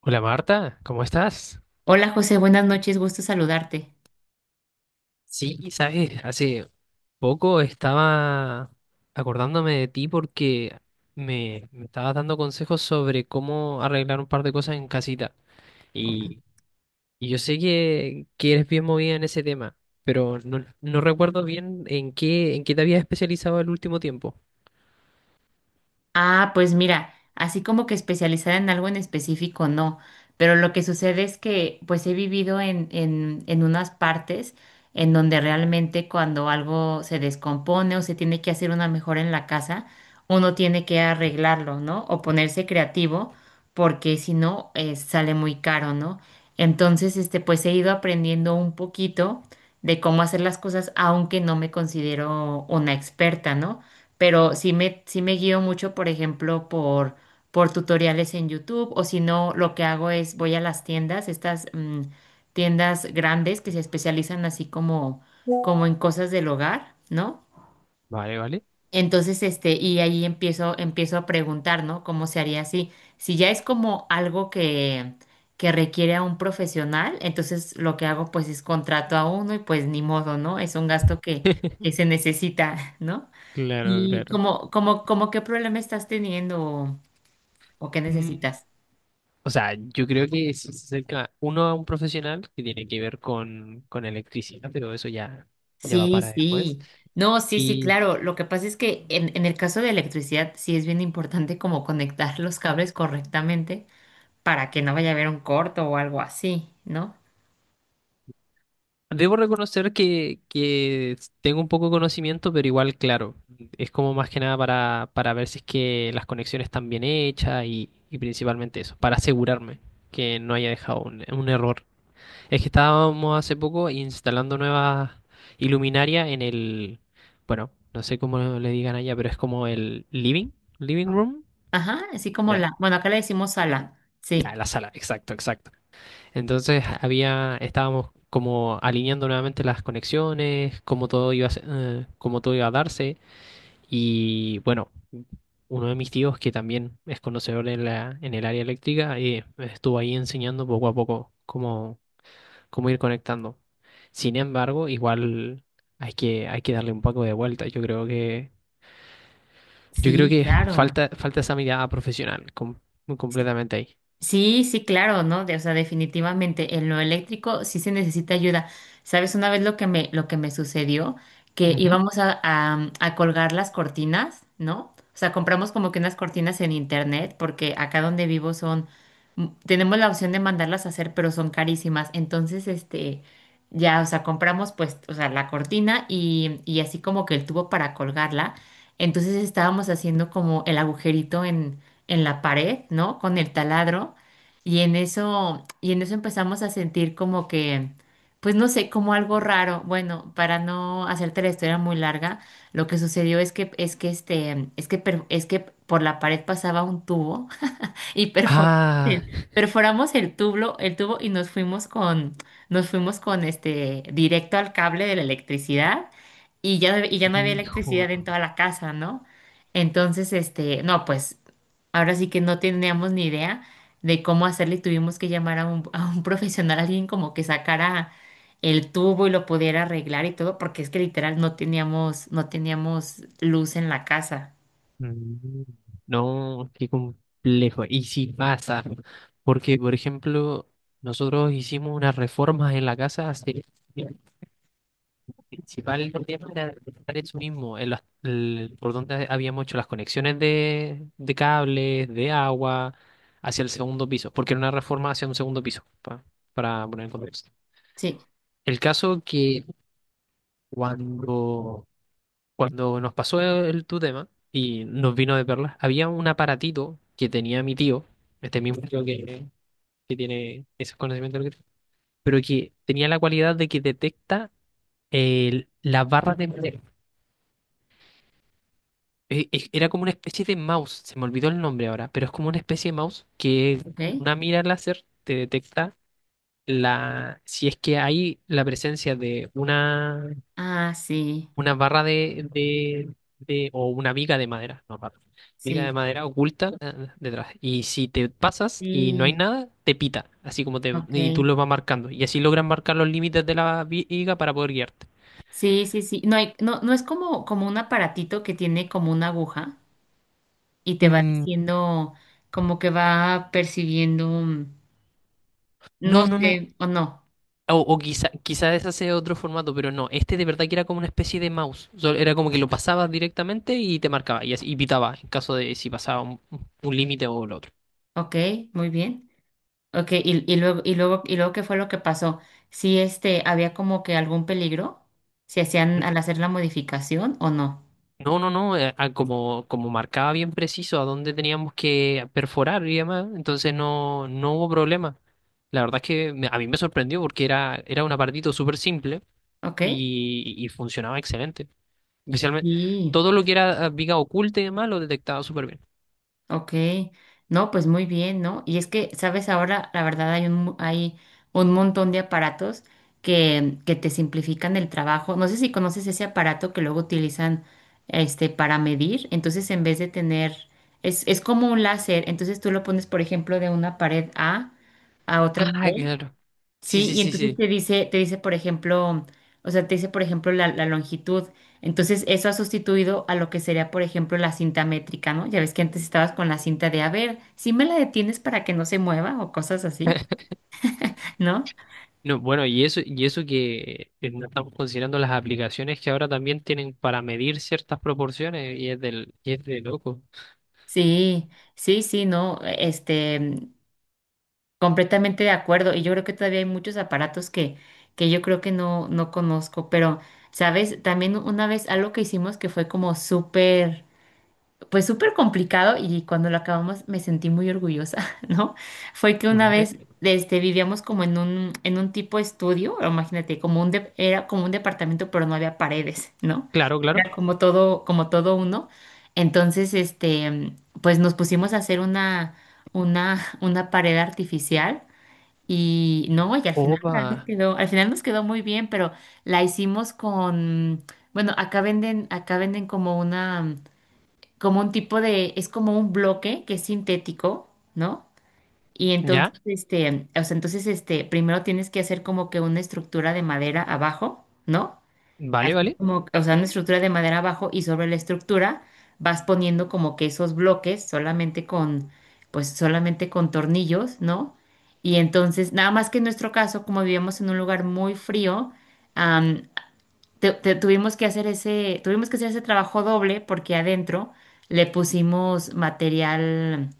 Hola Marta, ¿cómo estás? Hola José, buenas noches, gusto saludarte. Sí, sabes, hace poco estaba acordándome de ti porque me estabas dando consejos sobre cómo arreglar un par de cosas en casita. Ok. Y, y yo sé que eres bien movida en ese tema, pero no recuerdo bien en qué te habías especializado el último tiempo. Ah, pues mira, así como que especializada en algo en específico, no. Pero lo que sucede es que pues he vivido en unas partes en donde realmente cuando algo se descompone o se tiene que hacer una mejora en la casa, uno tiene que arreglarlo, ¿no? O ponerse creativo, porque si no, sale muy caro, ¿no? Entonces, pues he ido aprendiendo un poquito de cómo hacer las cosas, aunque no me considero una experta, ¿no? Pero sí me guío mucho, por ejemplo, por tutoriales en YouTube, o si no, lo que hago es voy a las tiendas, estas tiendas grandes que se especializan así como, como en cosas del hogar, ¿no? Vale, vale. Entonces, y ahí empiezo, a preguntar, ¿no? ¿Cómo se haría así? Si ya es como algo que requiere a un profesional, entonces lo que hago pues es contrato a uno y pues ni modo, ¿no? Es un gasto que se necesita, ¿no? Claro, ¿Y cómo qué problema estás teniendo o qué claro. necesitas? O sea, yo creo que si se acerca uno a un profesional que tiene que ver con electricidad, pero eso ya, ya va Sí, para después. sí. No, sí, sí, Y claro. Lo que pasa es que en el caso de electricidad sí es bien importante como conectar los cables correctamente para que no vaya a haber un corto o algo así, ¿no? debo reconocer que tengo un poco de conocimiento, pero igual, claro, es como más que nada para, para ver si es que las conexiones están bien hechas y principalmente eso, para asegurarme que no haya dejado un error. Es que estábamos hace poco instalando nuevas iluminarias en el, bueno, no sé cómo le digan allá, pero es como el living, living room, Ajá, así como ya, la, bueno, acá le decimos ala. Sí, ya, la sala, exacto, exacto. Entonces había, estábamos como alineando nuevamente las conexiones, cómo todo iba a, cómo todo iba a darse y bueno, uno de mis tíos que también es conocedor en la, en el área eléctrica me estuvo ahí enseñando poco a poco cómo ir conectando. Sin embargo, igual hay que darle un poco de vuelta. Yo creo sí, que claro. falta, falta esa mirada profesional muy completamente ahí. Sí, sí, claro, ¿no? O sea, definitivamente en lo eléctrico sí se necesita ayuda. ¿Sabes? Una vez lo que me sucedió, que Ujú. íbamos a colgar las cortinas, ¿no? O sea, compramos como que unas cortinas en internet, porque acá donde vivo son, tenemos la opción de mandarlas a hacer, pero son carísimas. Entonces, ya, o sea, compramos pues, o sea, la cortina y así como que el tubo para colgarla. Entonces estábamos haciendo como el agujerito en la pared, ¿no? Con el taladro. Y en eso empezamos a sentir como que, pues no sé, como algo raro. Bueno, para no hacerte la historia muy larga, lo que sucedió es que este, es que, per- es que por la pared pasaba un tubo y Ah, el, perforamos el tubo, y nos fuimos con directo al cable de la electricidad y ya, y ya no había hijo. electricidad en toda la casa, ¿no? Entonces, no, pues ahora sí que no teníamos ni idea de cómo hacerle y tuvimos que llamar a un profesional, alguien como que sacara el tubo y lo pudiera arreglar y todo, porque es que literal no teníamos luz en la casa. mm, No, qué complejo. Y si pasa, porque por ejemplo, nosotros hicimos unas reformas en la casa hace principal tema era detectar eso mismo, en por donde habíamos hecho las conexiones de cables, de agua, hacia el segundo piso, porque era una reforma hacia un segundo piso, para poner en contexto. Sí, El caso que cuando, cuando nos pasó el, tu tema y nos vino de perlas, había un aparatito que tenía mi tío, este mismo tío que tiene esos conocimientos, pero que tenía la cualidad de que detecta las barras de madera. Era como una especie de mouse, se me olvidó el nombre ahora, pero es como una especie de mouse que ¿ok? una mira láser te detecta la, si es que hay la presencia de Ah, sí, una barra de, o una viga de madera, no barra, viga de sí. madera oculta detrás. Y si te pasas y no hay Sí, nada, te pita, así como te, y tú ok. lo vas marcando. Y así logran marcar los límites de la viga para poder guiarte. Sí, sí, sí. No hay, no es como un aparatito que tiene como una aguja y te va Mm, diciendo, como que va percibiendo, no no, no, no. sé, o no. O quizá, quizá ese sea otro formato, pero no, este de verdad que era como una especie de mouse. O sea, era como que lo pasabas directamente y te marcaba y, y pitaba en caso de si pasaba un límite o lo otro. Ok, muy bien. Ok, y luego, ¿qué fue lo que pasó? Sí, este, había como que algún peligro, si hacían N- al hacer la modificación o no. No, no, no, como, como marcaba bien preciso a dónde teníamos que perforar y demás, entonces no, no hubo problema. La verdad es que a mí me sorprendió porque era, era un apartito súper simple Ok. Y funcionaba excelente. Especialmente Sí. todo lo que era viga oculta y demás lo detectaba súper bien. Ok, no, pues muy bien, ¿no? Y es que, sabes, ahora la verdad hay un, mu- hay un montón de aparatos que te simplifican el trabajo. No sé si conoces ese aparato que luego utilizan para medir. Entonces, en vez de tener, es como un láser, entonces tú lo pones, por ejemplo, de una pared A a otra Ah, pared. claro. Sí, Sí, sí, y sí, entonces sí. Te dice, por ejemplo, o sea, te dice, por ejemplo, la longitud. Entonces, eso ha sustituido a lo que sería, por ejemplo, la cinta métrica, ¿no? Ya ves que antes estabas con la cinta de, a ver, si me la detienes para que no se mueva o cosas así, ¿no? No, bueno, y eso que no estamos considerando las aplicaciones que ahora también tienen para medir ciertas proporciones y es del, y es de loco. Sí, sí, sí, no, este, completamente de acuerdo. Y yo creo que todavía hay muchos aparatos que yo creo que no conozco, pero, ¿sabes? También una vez algo que hicimos que fue como súper pues súper complicado y cuando lo acabamos me sentí muy orgullosa, ¿no? Fue que Ujú. una vez este, vivíamos como en un tipo estudio, o imagínate, como un de- era como un departamento, pero no había paredes, ¿no? Claro, claro. Era como todo uno. Entonces, pues nos pusimos a hacer una pared artificial. Y no, y Opa, al final nos quedó muy bien, pero la hicimos con, bueno, acá venden, como una, como un tipo de, es como un bloque que es sintético, ¿no? Y ya, entonces, o sea, entonces, primero tienes que hacer como que una estructura de madera abajo, ¿no? vale, Así vale. como, o sea, una estructura de madera abajo y sobre la estructura vas poniendo como que esos bloques pues solamente con tornillos, ¿no? Y entonces, nada más que en nuestro caso, como vivíamos en un lugar muy frío, am, tuvimos que hacer ese trabajo doble porque adentro le pusimos material,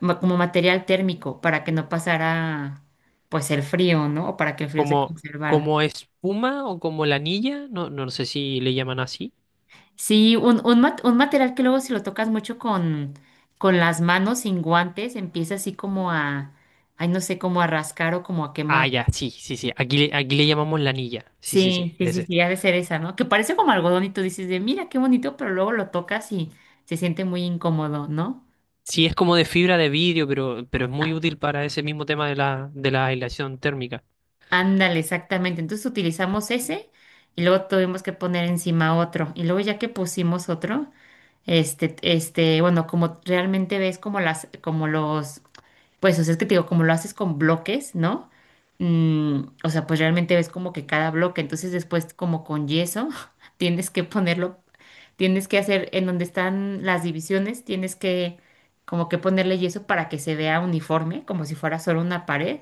ma- como material térmico para que no pasara pues el frío, ¿no? O para que el frío se Como, conservara. como espuma o como la anilla, no, no sé si le llaman así. Sí, un material que luego si lo tocas mucho con las manos sin guantes, empieza así ay, no sé, como a rascar o como a Ah, quemar. ya, sí, sí, sí. Aquí, aquí le llamamos la anilla. Sí, sí, Sí, sí, sí, sí, ese. sí, ha de ser esa, ¿no? Que parece como algodón y tú dices de, mira, qué bonito, pero luego lo tocas y se siente muy incómodo, ¿no? Sí, es como de fibra de vidrio, pero es muy útil para ese mismo tema de la aislación térmica. Ándale, exactamente. Entonces utilizamos ese y luego tuvimos que poner encima otro. Y luego ya que pusimos otro, bueno, como realmente ves como los, pues, o sea, es que te digo, como lo haces con bloques, ¿no? Mm, o sea, pues realmente ves como que cada bloque. Entonces después como con yeso, tienes que ponerlo, tienes que hacer en donde están las divisiones, tienes que como que ponerle yeso para que se vea uniforme, como si fuera solo una pared.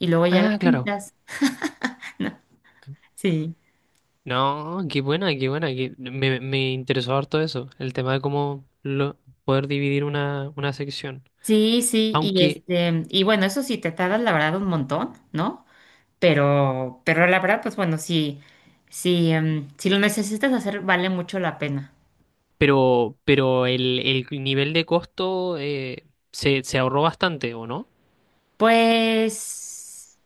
Y luego ya la Ah, claro. pintas. Sí. No, qué buena, qué buena. Me, me interesó harto eso, el tema de cómo lo, poder dividir una sección. Sí, sí, y Aunque, y bueno, eso sí te tardas la verdad un montón, ¿no? Pero la verdad, pues bueno, sí, sí, si lo necesitas hacer, vale mucho la pena. Pero el nivel de costo se, se ahorró bastante, ¿o no? Pues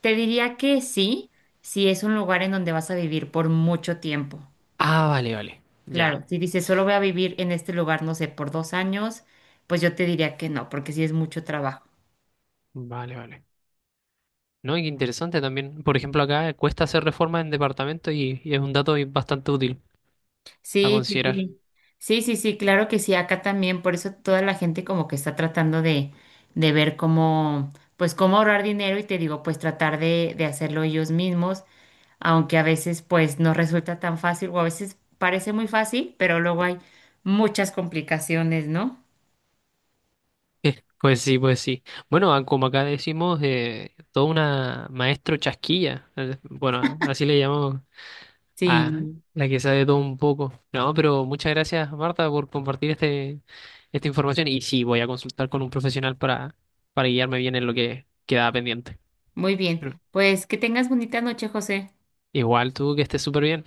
te diría que sí, si es un lugar en donde vas a vivir por mucho tiempo. Ah, vale, vale. Ya, Claro, si dices solo voy a vivir en este lugar, no sé, por 2 años, pues yo te diría que no, porque sí es mucho trabajo. vale, vale. No, y qué interesante también. Por ejemplo, acá cuesta hacer reformas en departamento y es un dato bastante útil a Sí, sí, considerar. sí. Sí, sí, sí, claro que sí, acá también, por eso toda la gente como que está tratando de ver cómo, pues cómo ahorrar dinero y te digo, pues tratar de hacerlo ellos mismos, aunque a veces pues no resulta tan fácil o a veces parece muy fácil, pero luego hay muchas complicaciones, ¿no? Pues sí, pues sí. Bueno, como acá decimos, toda una maestro chasquilla. Bueno, así le llamamos. Ah, Sí, la que sabe todo un poco. No, pero muchas gracias, Marta, por compartir este, esta información. Y sí, voy a consultar con un profesional para guiarme bien en lo que quedaba pendiente. muy bien. Pero Pues que tengas bonita noche, José. igual tú que estés súper bien.